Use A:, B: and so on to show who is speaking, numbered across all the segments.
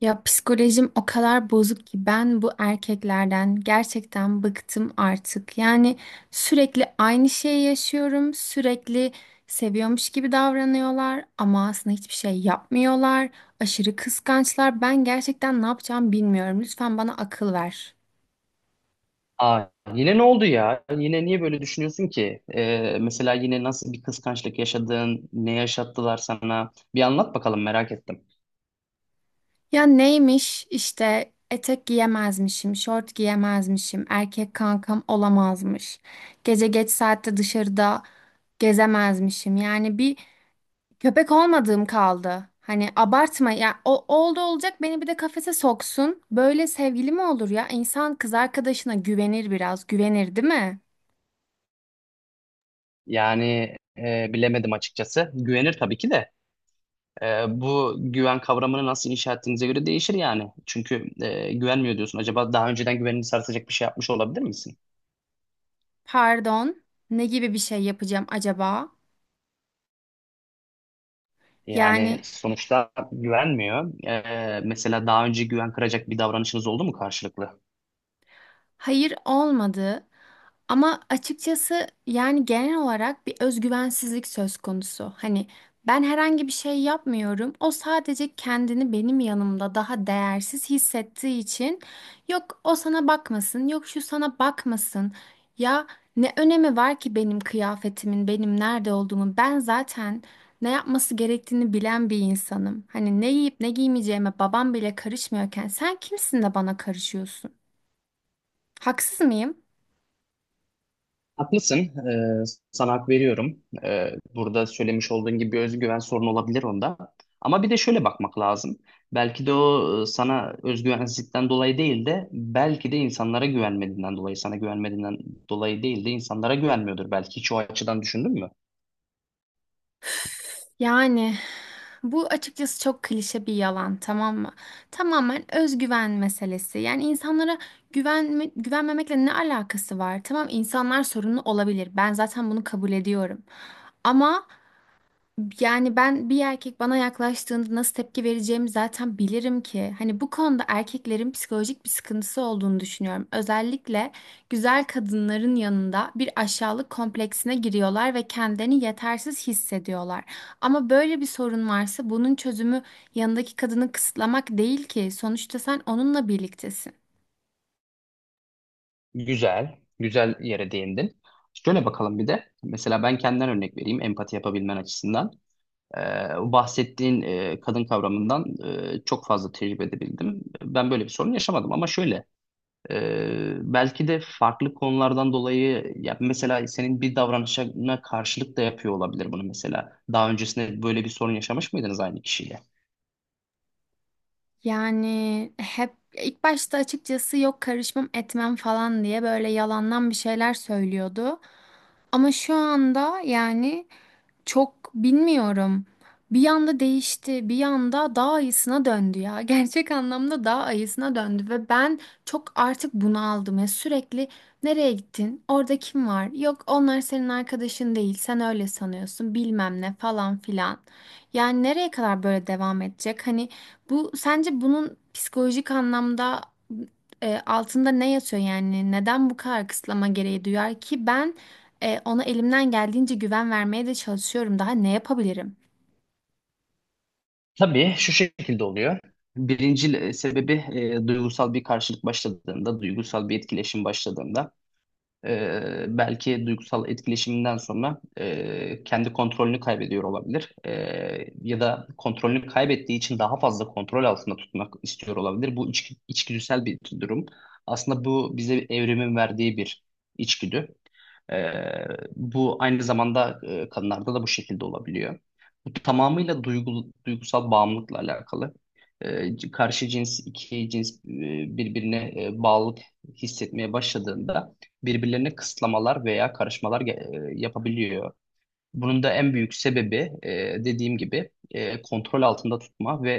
A: Ya psikolojim o kadar bozuk ki ben bu erkeklerden gerçekten bıktım artık. Yani sürekli aynı şeyi yaşıyorum, sürekli seviyormuş gibi davranıyorlar ama aslında hiçbir şey yapmıyorlar. Aşırı kıskançlar. Ben gerçekten ne yapacağımı bilmiyorum. Lütfen bana akıl ver.
B: Aa, yine ne oldu ya? Yine niye böyle düşünüyorsun ki? Mesela yine nasıl bir kıskançlık yaşadın? Ne yaşattılar sana? Bir anlat bakalım merak ettim.
A: Ya neymiş işte etek giyemezmişim, şort giyemezmişim, erkek kankam olamazmış. Gece geç saatte dışarıda gezemezmişim. Yani bir köpek olmadığım kaldı. Hani abartma ya, o oldu olacak beni bir de kafese soksun. Böyle sevgili mi olur ya? İnsan kız arkadaşına güvenir biraz. Güvenir değil mi?
B: Yani bilemedim açıkçası. Güvenir tabii ki de. Bu güven kavramını nasıl inşa ettiğinize göre değişir yani. Çünkü güvenmiyor diyorsun. Acaba daha önceden güvenini sarsacak bir şey yapmış olabilir misin?
A: Pardon. Ne gibi bir şey yapacağım acaba? Yani
B: Yani sonuçta güvenmiyor. Mesela daha önce güven kıracak bir davranışınız oldu mu karşılıklı?
A: hayır, olmadı ama açıkçası yani genel olarak bir özgüvensizlik söz konusu. Hani ben herhangi bir şey yapmıyorum. O sadece kendini benim yanımda daha değersiz hissettiği için yok o sana bakmasın, yok şu sana bakmasın. Ya ne önemi var ki benim kıyafetimin, benim nerede olduğumun? Ben zaten ne yapması gerektiğini bilen bir insanım. Hani ne yiyip ne giymeyeceğime babam bile karışmıyorken sen kimsin de bana karışıyorsun? Haksız mıyım?
B: Haklısın. Ee, Sana hak veriyorum. Burada söylemiş olduğun gibi bir özgüven sorunu olabilir onda. Ama bir de şöyle bakmak lazım. Belki de o sana özgüvensizlikten dolayı değil de belki de insanlara güvenmediğinden dolayı, sana güvenmediğinden dolayı değil de insanlara güvenmiyordur. Belki hiç o açıdan düşündün mü?
A: Yani bu açıkçası çok klişe bir yalan, tamam mı? Tamamen özgüven meselesi. Yani insanlara güvenme, güvenmemekle ne alakası var? Tamam, insanlar sorunlu olabilir. Ben zaten bunu kabul ediyorum. Ama yani ben, bir erkek bana yaklaştığında nasıl tepki vereceğimi zaten bilirim ki. Hani bu konuda erkeklerin psikolojik bir sıkıntısı olduğunu düşünüyorum. Özellikle güzel kadınların yanında bir aşağılık kompleksine giriyorlar ve kendilerini yetersiz hissediyorlar. Ama böyle bir sorun varsa bunun çözümü yanındaki kadını kısıtlamak değil ki. Sonuçta sen onunla birliktesin.
B: Güzel, güzel yere değindin. Şöyle bakalım bir de. Mesela ben kendimden örnek vereyim empati yapabilmen açısından. O bahsettiğin kadın kavramından çok fazla tecrübe edebildim. Ben böyle bir sorun yaşamadım ama şöyle e, belki de farklı konulardan dolayı ya mesela senin bir davranışına karşılık da yapıyor olabilir bunu mesela. Daha öncesinde böyle bir sorun yaşamış mıydınız aynı kişiyle?
A: Yani hep ilk başta açıkçası yok karışmam etmem falan diye böyle yalandan bir şeyler söylüyordu. Ama şu anda yani çok bilmiyorum. Bir anda değişti, bir anda daha ayısına döndü ya. Gerçek anlamda daha ayısına döndü ve ben çok artık bunaldım ya. Sürekli nereye gittin? Orada kim var? Yok onlar senin arkadaşın değil. Sen öyle sanıyorsun. Bilmem ne falan filan. Yani nereye kadar böyle devam edecek? Hani bu sence, bunun psikolojik anlamda altında ne yatıyor yani? Neden bu kadar kısıtlama gereği duyar ki? Ben ona elimden geldiğince güven vermeye de çalışıyorum. Daha ne yapabilirim?
B: Tabii şu şekilde oluyor. Birinci sebebi duygusal bir karşılık başladığında, duygusal bir etkileşim başladığında belki duygusal etkileşiminden sonra kendi kontrolünü kaybediyor olabilir. Ya da kontrolünü kaybettiği için daha fazla kontrol altında tutmak istiyor olabilir. Bu içgüdüsel bir durum. Aslında bu bize evrimin verdiği bir içgüdü. Ee, Bu aynı zamanda kadınlarda da bu şekilde olabiliyor. Bu tamamıyla duygusal bağımlılıkla alakalı. Karşı cins, iki cins birbirine bağlılık hissetmeye başladığında birbirlerine kısıtlamalar veya karışmalar yapabiliyor. Bunun da en büyük sebebi e, dediğim gibi kontrol altında tutma ve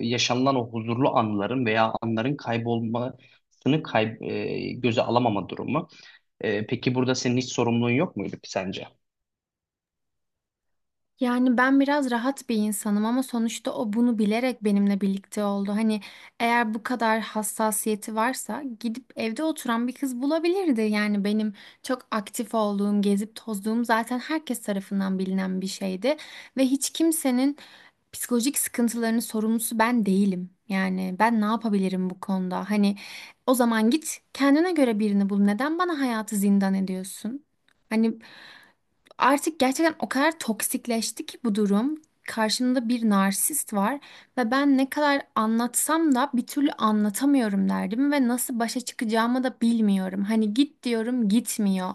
B: yaşanılan o huzurlu anların veya anların kaybolmasını göze alamama durumu. Peki burada senin hiç sorumluluğun yok muydu ki sence?
A: Yani ben biraz rahat bir insanım ama sonuçta o bunu bilerek benimle birlikte oldu. Hani eğer bu kadar hassasiyeti varsa gidip evde oturan bir kız bulabilirdi. Yani benim çok aktif olduğum, gezip tozduğum zaten herkes tarafından bilinen bir şeydi. Ve hiç kimsenin psikolojik sıkıntılarının sorumlusu ben değilim. Yani ben ne yapabilirim bu konuda? Hani o zaman git kendine göre birini bul. Neden bana hayatı zindan ediyorsun? Hani artık gerçekten o kadar toksikleşti ki bu durum. Karşımda bir narsist var ve ben ne kadar anlatsam da bir türlü anlatamıyorum derdim ve nasıl başa çıkacağımı da bilmiyorum. Hani git diyorum, gitmiyor.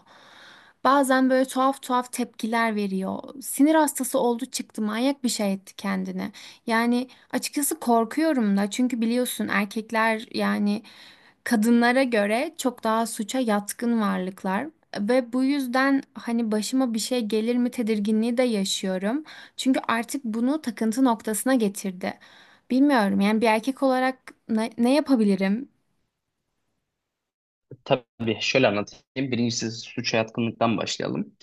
A: Bazen böyle tuhaf tuhaf tepkiler veriyor. Sinir hastası oldu çıktı, manyak bir şey etti kendini. Yani açıkçası korkuyorum da, çünkü biliyorsun erkekler yani kadınlara göre çok daha suça yatkın varlıklar. Ve bu yüzden hani başıma bir şey gelir mi tedirginliği de yaşıyorum. Çünkü artık bunu takıntı noktasına getirdi. Bilmiyorum yani, bir erkek olarak ne yapabilirim?
B: Tabii şöyle anlatayım. Birincisi suça yatkınlıktan başlayalım.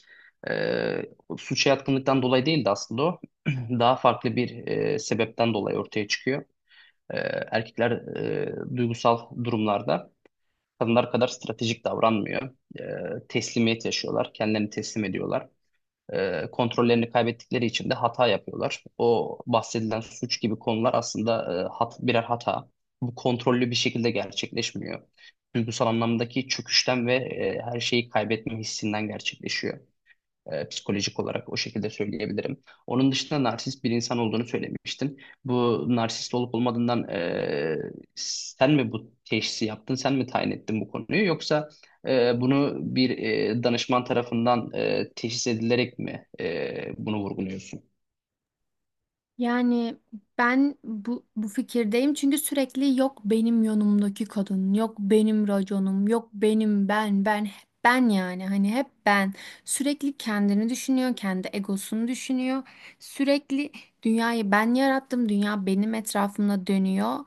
B: Ee, Suça yatkınlıktan dolayı değil de aslında o daha farklı bir sebepten dolayı ortaya çıkıyor. Ee, Erkekler duygusal durumlarda kadınlar kadar stratejik davranmıyor. Teslimiyet yaşıyorlar, kendilerini teslim ediyorlar. Kontrollerini kaybettikleri için de hata yapıyorlar. O bahsedilen suç gibi konular aslında birer hata. Bu kontrollü bir şekilde gerçekleşmiyor. Duygusal anlamdaki çöküşten ve her şeyi kaybetme hissinden gerçekleşiyor. Psikolojik olarak o şekilde söyleyebilirim. Onun dışında narsist bir insan olduğunu söylemiştin. Bu narsist olup olmadığından sen mi bu teşhisi yaptın, sen mi tayin ettin bu konuyu yoksa bunu bir danışman tarafından teşhis edilerek mi bunu vurguluyorsun?
A: Yani ben bu fikirdeyim çünkü sürekli yok benim yanımdaki kadın, yok benim raconum, yok benim ben, yani hani hep ben. Sürekli kendini düşünüyor, kendi egosunu düşünüyor. Sürekli dünyayı ben yarattım, dünya benim etrafımda dönüyor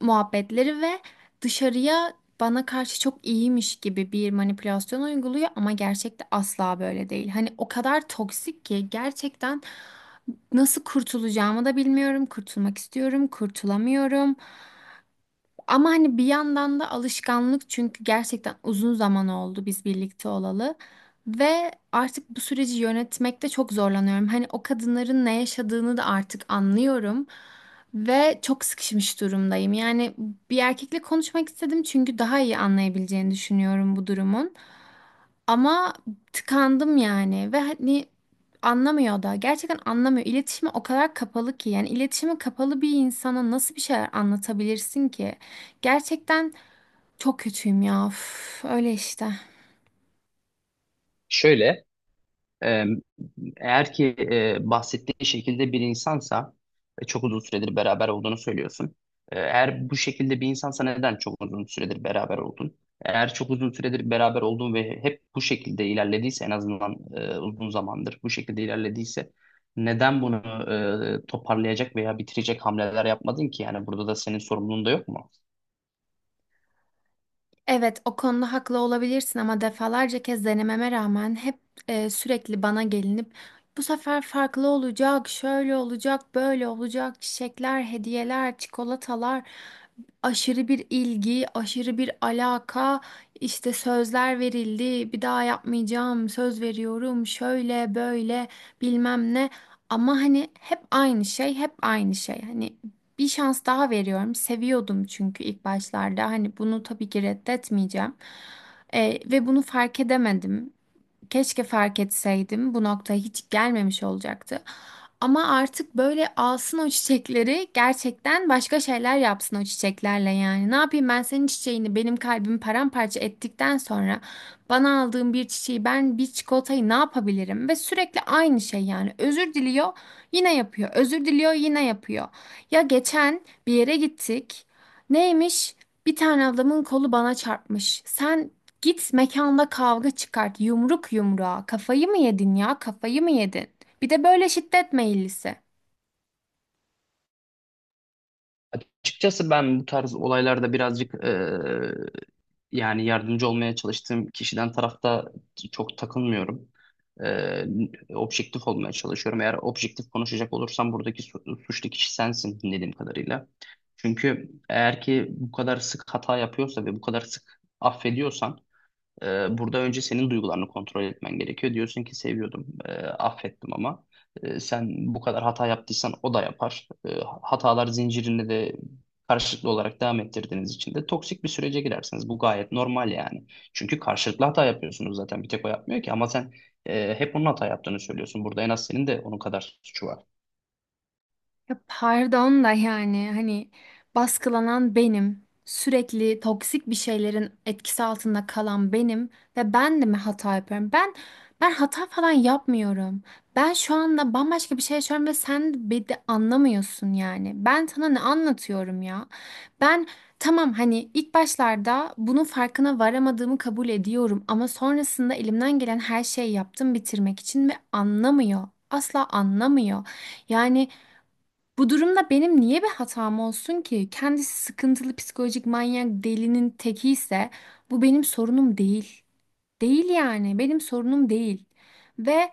A: muhabbetleri ve dışarıya bana karşı çok iyiymiş gibi bir manipülasyon uyguluyor ama gerçekte asla böyle değil. Hani o kadar toksik ki gerçekten nasıl kurtulacağımı da bilmiyorum. Kurtulmak istiyorum, kurtulamıyorum. Ama hani bir yandan da alışkanlık, çünkü gerçekten uzun zaman oldu biz birlikte olalı. Ve artık bu süreci yönetmekte çok zorlanıyorum. Hani o kadınların ne yaşadığını da artık anlıyorum. Ve çok sıkışmış durumdayım. Yani bir erkekle konuşmak istedim çünkü daha iyi anlayabileceğini düşünüyorum bu durumun. Ama tıkandım yani ve hani anlamıyor da, gerçekten anlamıyor. İletişime o kadar kapalı ki, yani iletişime kapalı bir insana nasıl bir şeyler anlatabilirsin ki? Gerçekten çok kötüyüm ya. Üf, öyle işte.
B: Şöyle, Ee, Eğer ki bahsettiğin şekilde bir insansa ve çok uzun süredir beraber olduğunu söylüyorsun. Eğer bu şekilde bir insansa neden çok uzun süredir beraber oldun? Eğer çok uzun süredir beraber oldun ve hep bu şekilde ilerlediyse en azından uzun zamandır bu şekilde ilerlediyse neden bunu toparlayacak veya bitirecek hamleler yapmadın ki? Yani burada da senin sorumluluğun da yok mu?
A: Evet, o konuda haklı olabilirsin ama defalarca kez denememe rağmen hep sürekli bana gelinip bu sefer farklı olacak, şöyle olacak, böyle olacak, çiçekler, hediyeler, çikolatalar, aşırı bir ilgi, aşırı bir alaka, işte sözler verildi, bir daha yapmayacağım, söz veriyorum, şöyle böyle bilmem ne. Ama hani hep aynı şey, hep aynı şey. Hani bir şans daha veriyorum. Seviyordum çünkü ilk başlarda. Hani bunu tabii ki reddetmeyeceğim. Ve bunu fark edemedim. Keşke fark etseydim. Bu noktaya hiç gelmemiş olacaktı. Ama artık böyle alsın o çiçekleri, gerçekten başka şeyler yapsın o çiçeklerle yani. Ne yapayım ben senin çiçeğini, benim kalbimi paramparça ettikten sonra bana aldığın bir çiçeği, ben bir çikolatayı ne yapabilirim? Ve sürekli aynı şey yani. Özür diliyor, yine yapıyor. Özür diliyor, yine yapıyor. Ya geçen bir yere gittik. Neymiş? Bir tane adamın kolu bana çarpmış. Sen git mekanda kavga çıkart. Yumruk yumruğa. Kafayı mı yedin ya? Kafayı mı yedin? Bir de böyle şiddet meyillisi.
B: Açıkçası ben bu tarz olaylarda birazcık yani yardımcı olmaya çalıştığım kişiden tarafta çok takılmıyorum. Eee, Objektif olmaya çalışıyorum. Eğer objektif konuşacak olursam buradaki suçlu kişi sensin dinlediğim kadarıyla. Çünkü eğer ki bu kadar sık hata yapıyorsa ve bu kadar sık affediyorsan burada önce senin duygularını kontrol etmen gerekiyor. Diyorsun ki seviyordum, affettim ama sen bu kadar hata yaptıysan o da yapar. Hatalar zincirini de karşılıklı olarak devam ettirdiğiniz için de toksik bir sürece girersiniz. Bu gayet normal yani. Çünkü karşılıklı hata yapıyorsunuz zaten. Bir tek o yapmıyor ki ama sen hep onun hata yaptığını söylüyorsun. Burada en az senin de onun kadar suçu var.
A: Ya pardon da yani hani baskılanan benim, sürekli toksik bir şeylerin etkisi altında kalan benim ve ben de mi hata yapıyorum? Ben hata falan yapmıyorum. Ben şu anda bambaşka bir şey yaşıyorum ve sen beni de anlamıyorsun yani. Ben sana ne anlatıyorum ya? Ben tamam, hani ilk başlarda bunun farkına varamadığımı kabul ediyorum ama sonrasında elimden gelen her şeyi yaptım bitirmek için ve anlamıyor. Asla anlamıyor. Yani bu durumda benim niye bir hatam olsun ki? Kendisi sıkıntılı psikolojik manyak delinin teki ise bu benim sorunum değil. Değil yani, benim sorunum değil. Ve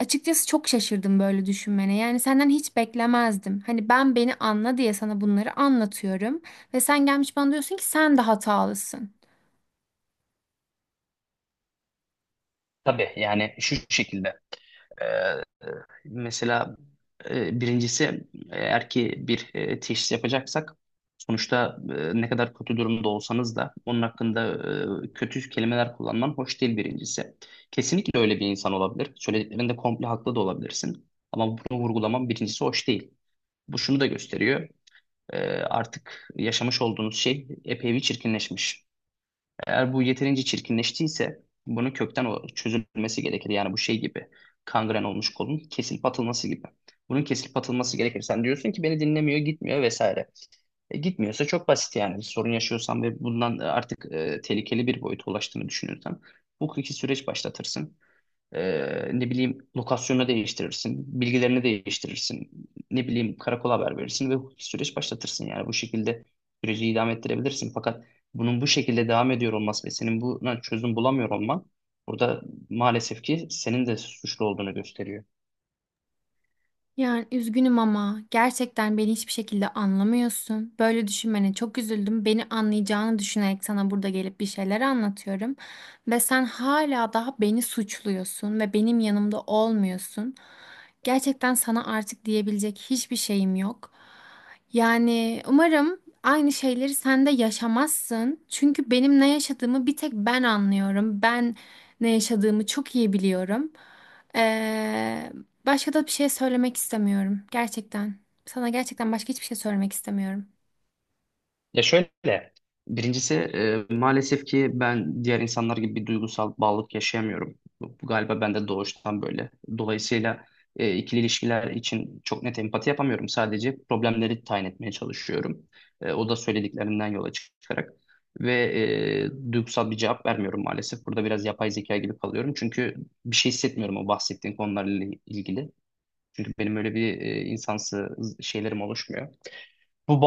A: açıkçası çok şaşırdım böyle düşünmene. Yani senden hiç beklemezdim. Hani ben beni anla diye sana bunları anlatıyorum. Ve sen gelmiş bana diyorsun ki sen de hatalısın.
B: Tabii yani şu şekilde. Mesela birincisi eğer ki bir teşhis yapacaksak sonuçta ne kadar kötü durumda olsanız da onun hakkında kötü kelimeler kullanman hoş değil birincisi. Kesinlikle öyle bir insan olabilir. Söylediklerinde komple haklı da olabilirsin. Ama bunu vurgulaman birincisi hoş değil. Bu şunu da gösteriyor. Artık yaşamış olduğunuz şey epey bir çirkinleşmiş. Eğer bu yeterince çirkinleştiyse bunun kökten çözülmesi gerekir. Yani bu şey gibi kangren olmuş kolun kesilip atılması gibi. Bunun kesilip atılması gerekir. Sen diyorsun ki beni dinlemiyor, gitmiyor vesaire. Gitmiyorsa çok basit yani. Bir sorun yaşıyorsan ve bundan artık tehlikeli bir boyuta ulaştığını düşünürsen bu hukuki süreç başlatırsın. Ne bileyim lokasyonu değiştirirsin, bilgilerini değiştirirsin, ne bileyim karakola haber verirsin ve hukuki süreç başlatırsın. Yani bu şekilde süreci idame ettirebilirsin. Fakat bunun bu şekilde devam ediyor olması ve senin buna çözüm bulamıyor olman burada maalesef ki senin de suçlu olduğunu gösteriyor.
A: Yani üzgünüm ama gerçekten beni hiçbir şekilde anlamıyorsun. Böyle düşünmene çok üzüldüm. Beni anlayacağını düşünerek sana burada gelip bir şeyler anlatıyorum. Ve sen hala daha beni suçluyorsun ve benim yanımda olmuyorsun. Gerçekten sana artık diyebilecek hiçbir şeyim yok. Yani umarım aynı şeyleri sen de yaşamazsın. Çünkü benim ne yaşadığımı bir tek ben anlıyorum. Ben ne yaşadığımı çok iyi biliyorum. Ee, Başka da bir şey söylemek istemiyorum. Gerçekten. Sana gerçekten başka hiçbir şey söylemek istemiyorum.
B: Ya şöyle, birincisi maalesef ki ben diğer insanlar gibi bir duygusal bağlılık yaşayamıyorum. Bu galiba bende doğuştan böyle. Dolayısıyla ikili ilişkiler için çok net empati yapamıyorum. Sadece problemleri tayin etmeye çalışıyorum. O da söylediklerinden yola çıkarak. Ve duygusal bir cevap vermiyorum maalesef. Burada biraz yapay zeka gibi kalıyorum. Çünkü bir şey hissetmiyorum o bahsettiğin konularla ilgili. Çünkü benim öyle bir insansı şeylerim oluşmuyor. Bu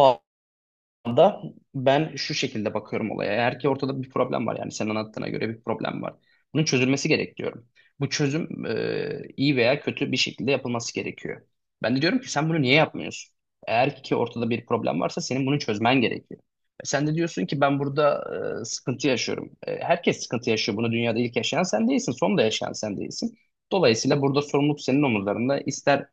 B: anda ben şu şekilde bakıyorum olaya. Eğer ki ortada bir problem var yani senin anlattığına göre bir problem var. Bunun çözülmesi gerek diyorum. Bu çözüm iyi veya kötü bir şekilde yapılması gerekiyor. Ben de diyorum ki sen bunu niye yapmıyorsun? Eğer ki ortada bir problem varsa senin bunu çözmen gerekiyor. Sen de diyorsun ki ben burada sıkıntı yaşıyorum. Herkes sıkıntı yaşıyor. Bunu dünyada ilk yaşayan sen değilsin, son da yaşayan sen değilsin. Dolayısıyla burada sorumluluk senin omuzlarında. İster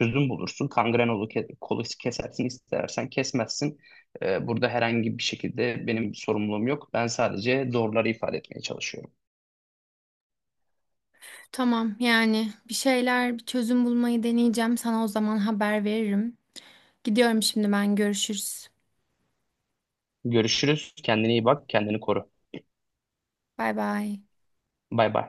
B: çözüm bulursun, kangren olur, kolu kesersin, istersen kesmezsin. Burada herhangi bir şekilde benim sorumluluğum yok. Ben sadece doğruları ifade etmeye çalışıyorum.
A: Tamam yani, bir şeyler, bir çözüm bulmayı deneyeceğim. Sana o zaman haber veririm. Gidiyorum şimdi ben. Görüşürüz.
B: Görüşürüz. Kendine iyi bak. Kendini koru.
A: Bay bay.
B: Bay bay.